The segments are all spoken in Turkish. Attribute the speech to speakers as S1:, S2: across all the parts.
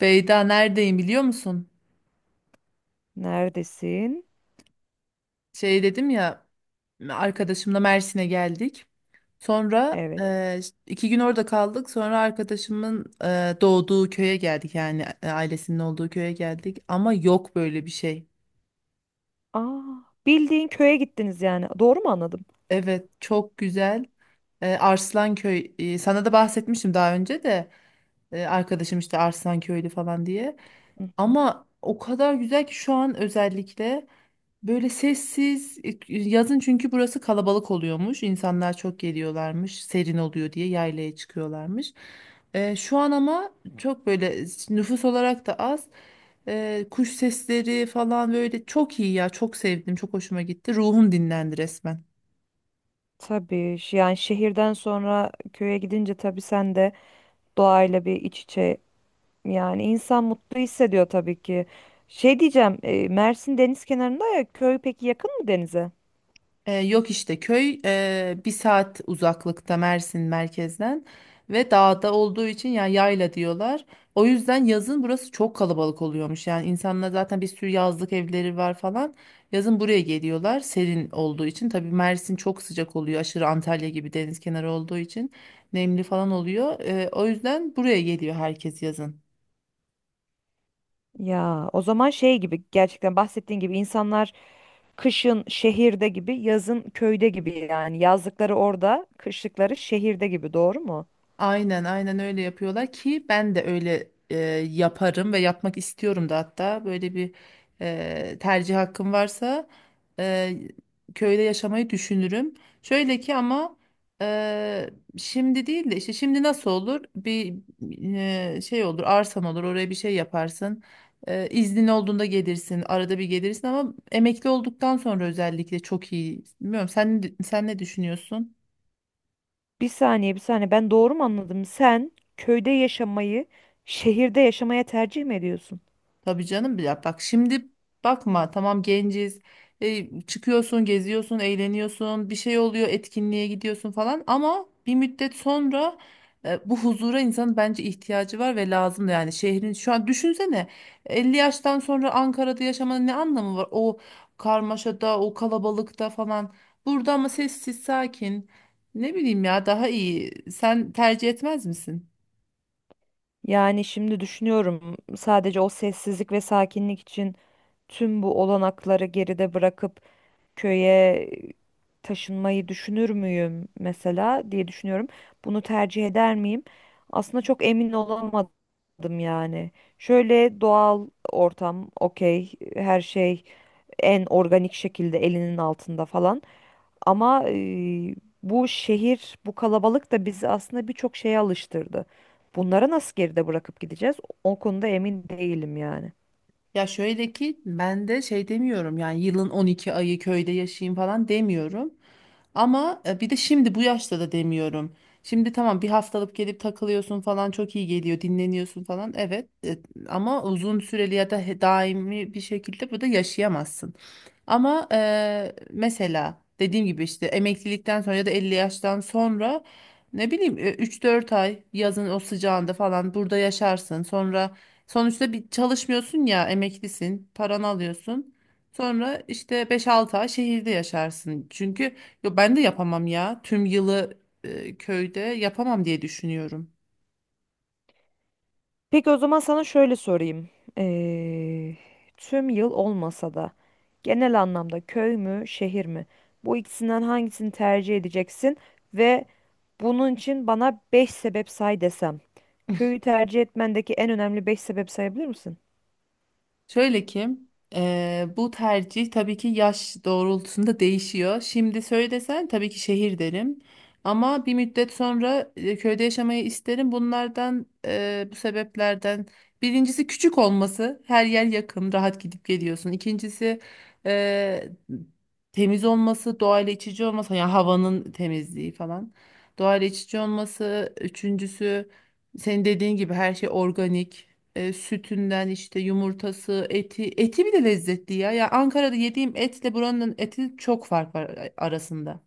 S1: Beyda neredeyim biliyor musun?
S2: Neredesin?
S1: Şey dedim ya, arkadaşımla Mersin'e geldik. Sonra
S2: Evet.
S1: iki gün orada kaldık. Sonra arkadaşımın doğduğu köye geldik, yani ailesinin olduğu köye geldik. Ama yok böyle bir şey.
S2: Aa, bildiğin köye gittiniz yani. Doğru mu anladım?
S1: Evet, çok güzel. Arslanköy, sana da bahsetmiştim daha önce de, arkadaşım işte Arslanköylü falan diye.
S2: Hı hı.
S1: Ama o kadar güzel ki şu an, özellikle. Böyle sessiz, yazın çünkü burası kalabalık oluyormuş. İnsanlar çok geliyorlarmış. Serin oluyor diye yaylaya çıkıyorlarmış. Şu an ama çok böyle, nüfus olarak da az. Kuş sesleri falan böyle çok iyi ya. Çok sevdim. Çok hoşuma gitti. Ruhum dinlendi resmen.
S2: Tabii yani şehirden sonra köye gidince tabii sen de doğayla bir iç içe yani insan mutlu hissediyor tabii ki. Şey diyeceğim, Mersin deniz kenarında ya köy peki yakın mı denize?
S1: Yok işte, köy bir saat uzaklıkta Mersin merkezden ve dağda olduğu için ya, yayla diyorlar. O yüzden yazın burası çok kalabalık oluyormuş. Yani insanlar zaten bir sürü yazlık evleri var falan. Yazın buraya geliyorlar serin olduğu için. Tabii Mersin çok sıcak oluyor aşırı, Antalya gibi deniz kenarı olduğu için nemli falan oluyor. O yüzden buraya geliyor herkes yazın.
S2: Ya o zaman şey gibi gerçekten bahsettiğin gibi insanlar kışın şehirde gibi, yazın köyde gibi yani yazlıkları orada, kışlıkları şehirde gibi doğru mu?
S1: Aynen aynen öyle yapıyorlar ki, ben de öyle yaparım ve yapmak istiyorum da. Hatta böyle bir tercih hakkım varsa, e, köyde yaşamayı düşünürüm. Şöyle ki ama, e, şimdi değil de, işte şimdi nasıl olur? Bir şey olur, arsan olur, oraya bir şey yaparsın. İznin olduğunda gelirsin, arada bir gelirsin, ama emekli olduktan sonra özellikle çok iyi. Bilmiyorum, sen ne düşünüyorsun?
S2: Bir saniye, bir saniye. Ben doğru mu anladım? Sen köyde yaşamayı şehirde yaşamaya tercih mi ediyorsun?
S1: Tabii canım, ya bak şimdi, bakma tamam, genciz. Çıkıyorsun, geziyorsun, eğleniyorsun, bir şey oluyor, etkinliğe gidiyorsun falan, ama bir müddet sonra bu huzura insanın bence ihtiyacı var ve lazım da. Yani şehrin, şu an düşünsene, 50 yaştan sonra Ankara'da yaşamanın ne anlamı var, o karmaşada, o kalabalıkta falan? Burada ama sessiz sakin, ne bileyim ya, daha iyi. Sen tercih etmez misin?
S2: Yani şimdi düşünüyorum sadece o sessizlik ve sakinlik için tüm bu olanakları geride bırakıp köye taşınmayı düşünür müyüm mesela diye düşünüyorum. Bunu tercih eder miyim? Aslında çok emin olamadım yani. Şöyle doğal ortam, okey, her şey en organik şekilde elinin altında falan. Ama bu şehir, bu kalabalık da bizi aslında birçok şeye alıştırdı. Bunları nasıl geride bırakıp gideceğiz? O konuda emin değilim yani.
S1: Ya şöyle ki, ben de şey demiyorum, yani yılın 12 ayı köyde yaşayayım falan demiyorum. Ama bir de şimdi bu yaşta da demiyorum. Şimdi tamam, bir haftalık gelip takılıyorsun falan, çok iyi geliyor, dinleniyorsun falan. Evet, ama uzun süreli ya da daimi bir şekilde burada yaşayamazsın. Ama mesela dediğim gibi işte, emeklilikten sonra ya da 50 yaştan sonra, ne bileyim, 3-4 ay yazın o sıcağında falan burada yaşarsın. Sonra, sonuçta bir çalışmıyorsun ya, emeklisin, paranı alıyorsun. Sonra işte beş altı ay şehirde yaşarsın. Çünkü, yo, ben de yapamam ya. Tüm yılı köyde yapamam diye düşünüyorum.
S2: Peki o zaman sana şöyle sorayım. Eee, Tüm yıl olmasa da genel anlamda köy mü, şehir mi? Bu ikisinden hangisini tercih edeceksin ve bunun için bana 5 sebep say desem. Köyü tercih etmendeki en önemli 5 sebep sayabilir misin?
S1: Şöyle ki, bu tercih tabii ki yaş doğrultusunda değişiyor. Şimdi söylesen tabii ki şehir derim. Ama bir müddet sonra köyde yaşamayı isterim. Bunlardan, bu sebeplerden birincisi, küçük olması. Her yer yakın, rahat gidip geliyorsun. İkincisi, eee, temiz olması, doğayla iç içe olması. Yani havanın temizliği falan. Doğayla iç içe olması. Üçüncüsü, senin dediğin gibi her şey organik. Sütünden işte, yumurtası, eti, eti bile lezzetli ya. Ya Ankara'da yediğim etle buranın eti çok fark var arasında.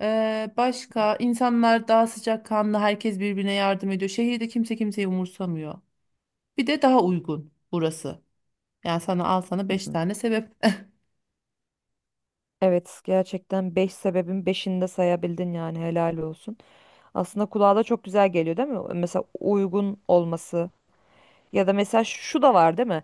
S1: Başka, insanlar daha sıcakkanlı, herkes birbirine yardım ediyor. Şehirde kimse kimseyi umursamıyor. Bir de daha uygun burası. Yani sana, al sana 5 tane sebep.
S2: Evet, gerçekten 5 sebebin 5'ini de sayabildin yani helal olsun. Aslında kulağa da çok güzel geliyor değil mi? Mesela uygun olması ya da mesela şu da var değil mi?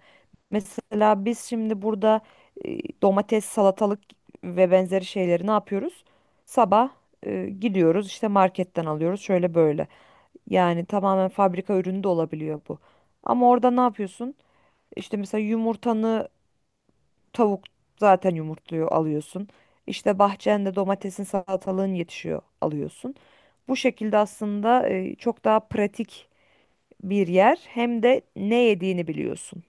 S2: Mesela biz şimdi burada domates, salatalık ve benzeri şeyleri ne yapıyoruz? Sabah gidiyoruz işte marketten alıyoruz şöyle böyle. Yani tamamen fabrika ürünü de olabiliyor bu. Ama orada ne yapıyorsun? İşte mesela yumurtanı, tavuk zaten yumurtluyor alıyorsun. İşte bahçende domatesin salatalığın yetişiyor alıyorsun. Bu şekilde aslında çok daha pratik bir yer, hem de ne yediğini biliyorsun.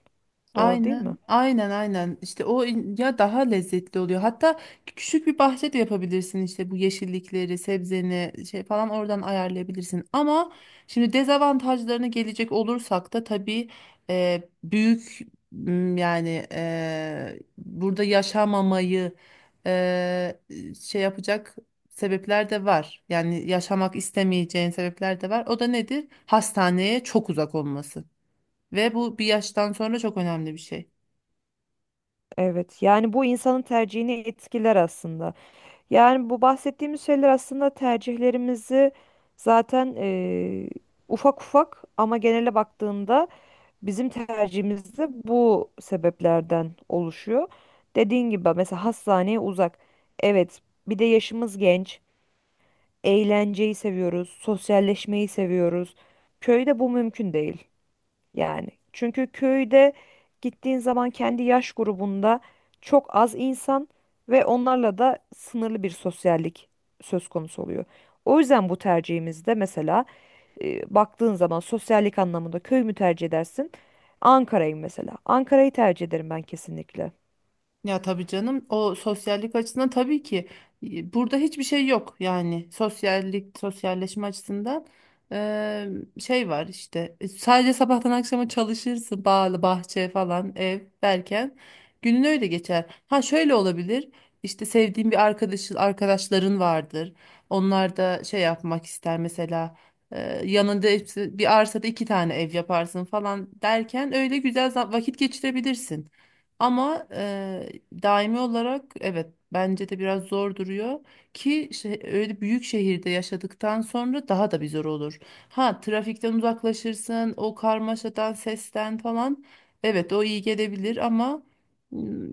S2: Doğru değil mi?
S1: Aynen, aynen, aynen. İşte o ya daha lezzetli oluyor. Hatta küçük bir bahçe de yapabilirsin, işte bu yeşillikleri, sebzeni şey falan oradan ayarlayabilirsin. Ama şimdi dezavantajlarına gelecek olursak da, tabii, büyük, yani burada yaşamamayı e, şey yapacak sebepler de var. Yani yaşamak istemeyeceğin sebepler de var. O da nedir? Hastaneye çok uzak olması. Ve bu bir yaştan sonra çok önemli bir şey.
S2: Evet, yani bu insanın tercihini etkiler aslında. Yani bu bahsettiğimiz şeyler aslında tercihlerimizi zaten ufak ufak, ama genele baktığında bizim tercihimiz de bu sebeplerden oluşuyor. Dediğin gibi mesela hastaneye uzak. Evet, bir de yaşımız genç. Eğlenceyi seviyoruz, sosyalleşmeyi seviyoruz. Köyde bu mümkün değil yani. Çünkü köyde gittiğin zaman kendi yaş grubunda çok az insan ve onlarla da sınırlı bir sosyallik söz konusu oluyor. O yüzden bu tercihimizde mesela baktığın zaman sosyallik anlamında köy mü tercih edersin? Ankara'yı mesela. Ankara'yı tercih ederim ben kesinlikle.
S1: Ya tabii canım, o sosyallik açısından tabii ki burada hiçbir şey yok, yani sosyallik, sosyalleşme açısından. e, Şey var işte, sadece sabahtan akşama çalışırsın, bağlı bahçe falan, ev derken günün öyle geçer. Ha, şöyle olabilir, işte sevdiğin bir arkadaşın, arkadaşların vardır, onlar da şey yapmak ister mesela, e, yanında hepsi, bir arsada iki tane ev yaparsın falan derken öyle güzel vakit geçirebilirsin. Ama daimi olarak evet, bence de biraz zor duruyor ki şey, öyle büyük şehirde yaşadıktan sonra daha da bir zor olur. Ha, trafikten uzaklaşırsın, o karmaşadan, sesten falan. Evet, o iyi gelebilir ama ım,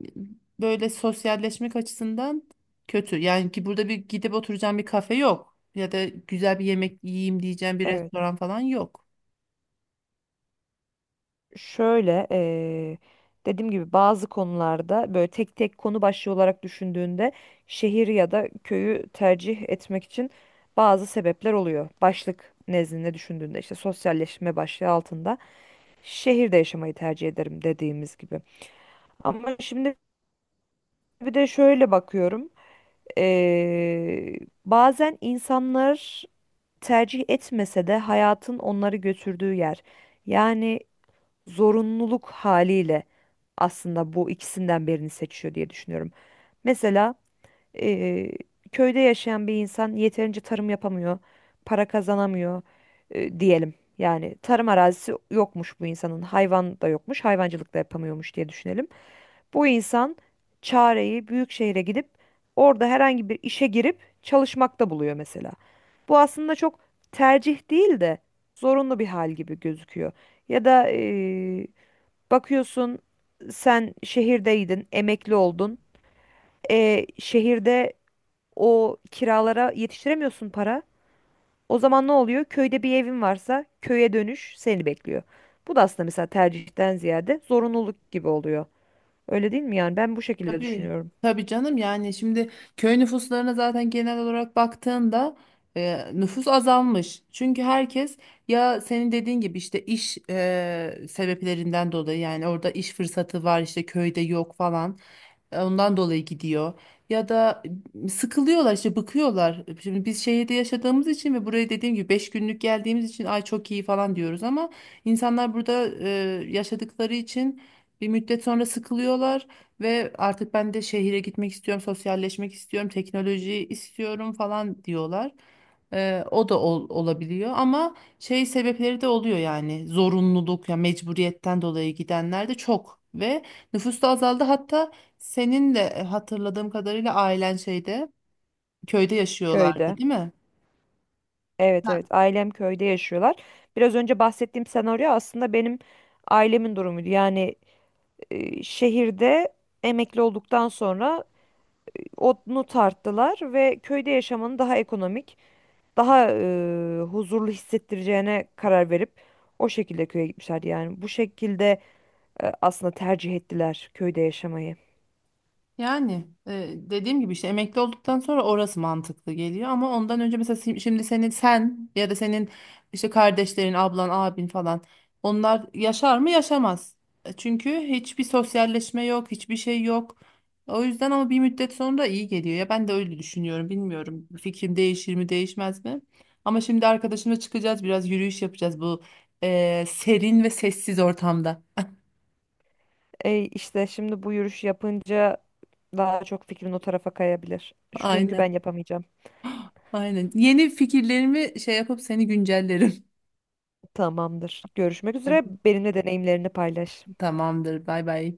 S1: böyle sosyalleşmek açısından kötü. Yani ki burada bir gidip oturacağım bir kafe yok, ya da güzel bir yemek yiyeyim diyeceğim bir
S2: Evet.
S1: restoran falan yok.
S2: Şöyle dediğim gibi bazı konularda böyle tek tek konu başlığı olarak düşündüğünde şehir ya da köyü tercih etmek için bazı sebepler oluyor. Başlık nezdinde düşündüğünde işte sosyalleşme başlığı altında şehirde yaşamayı tercih ederim dediğimiz gibi. Ama şimdi bir de şöyle bakıyorum. Ee, Bazen insanlar tercih etmese de hayatın onları götürdüğü yer. Yani zorunluluk haliyle aslında bu ikisinden birini seçiyor diye düşünüyorum. Mesela Eee, köyde yaşayan bir insan yeterince tarım yapamıyor, para kazanamıyor diyelim. Yani tarım arazisi yokmuş bu insanın, hayvan da yokmuş, hayvancılık da yapamıyormuş diye düşünelim. Bu insan çareyi büyük şehre gidip orada herhangi bir işe girip çalışmakta buluyor mesela. Bu aslında çok tercih değil de zorunlu bir hal gibi gözüküyor. Ya da bakıyorsun sen şehirdeydin, emekli oldun. Şehirde o kiralara yetiştiremiyorsun para. O zaman ne oluyor? Köyde bir evin varsa köye dönüş seni bekliyor. Bu da aslında mesela tercihten ziyade zorunluluk gibi oluyor. Öyle değil mi yani? Ben bu şekilde
S1: Tabii.
S2: düşünüyorum.
S1: Tabii canım, yani şimdi köy nüfuslarına zaten genel olarak baktığında, nüfus azalmış. Çünkü herkes, ya senin dediğin gibi işte iş sebeplerinden dolayı, yani orada iş fırsatı var, işte köyde yok falan. Ondan dolayı gidiyor. Ya da sıkılıyorlar işte, bıkıyorlar. Şimdi biz şehirde yaşadığımız için ve buraya dediğim gibi 5 günlük geldiğimiz için ay çok iyi falan diyoruz, ama insanlar burada yaşadıkları için bir müddet sonra sıkılıyorlar. Ve artık ben de şehire gitmek istiyorum, sosyalleşmek istiyorum, teknolojiyi istiyorum falan diyorlar. O da olabiliyor ama şey, sebepleri de oluyor, yani zorunluluk ya mecburiyetten dolayı gidenler de çok ve nüfus da azaldı. Hatta senin de hatırladığım kadarıyla ailen şeyde, köyde yaşıyorlardı,
S2: Köyde.
S1: değil mi?
S2: Evet, evet, ailem köyde yaşıyorlar. Biraz önce bahsettiğim senaryo aslında benim ailemin durumuydu. Yani şehirde emekli olduktan sonra onu tarttılar ve köyde yaşamanın daha ekonomik, daha huzurlu hissettireceğine karar verip o şekilde köye gitmişler. Yani bu şekilde aslında tercih ettiler köyde yaşamayı.
S1: Yani dediğim gibi işte emekli olduktan sonra orası mantıklı geliyor, ama ondan önce mesela, şimdi senin, sen ya da senin işte kardeşlerin, ablan, abin falan, onlar yaşar mı? Yaşamaz. Çünkü hiçbir sosyalleşme yok, hiçbir şey yok. O yüzden, ama bir müddet sonra iyi geliyor ya, ben de öyle düşünüyorum. Bilmiyorum, fikrim değişir mi, değişmez mi? Ama şimdi arkadaşımla çıkacağız, biraz yürüyüş yapacağız bu serin ve sessiz ortamda.
S2: İşte şimdi bu yürüyüş yapınca daha çok fikrin o tarafa kayabilir. Çünkü
S1: Aynen.
S2: ben yapamayacağım.
S1: Aynen. Yeni fikirlerimi şey yapıp seni güncellerim.
S2: Tamamdır. Görüşmek üzere.
S1: Hadi,
S2: Benimle deneyimlerini paylaş.
S1: tamamdır. Bay bay.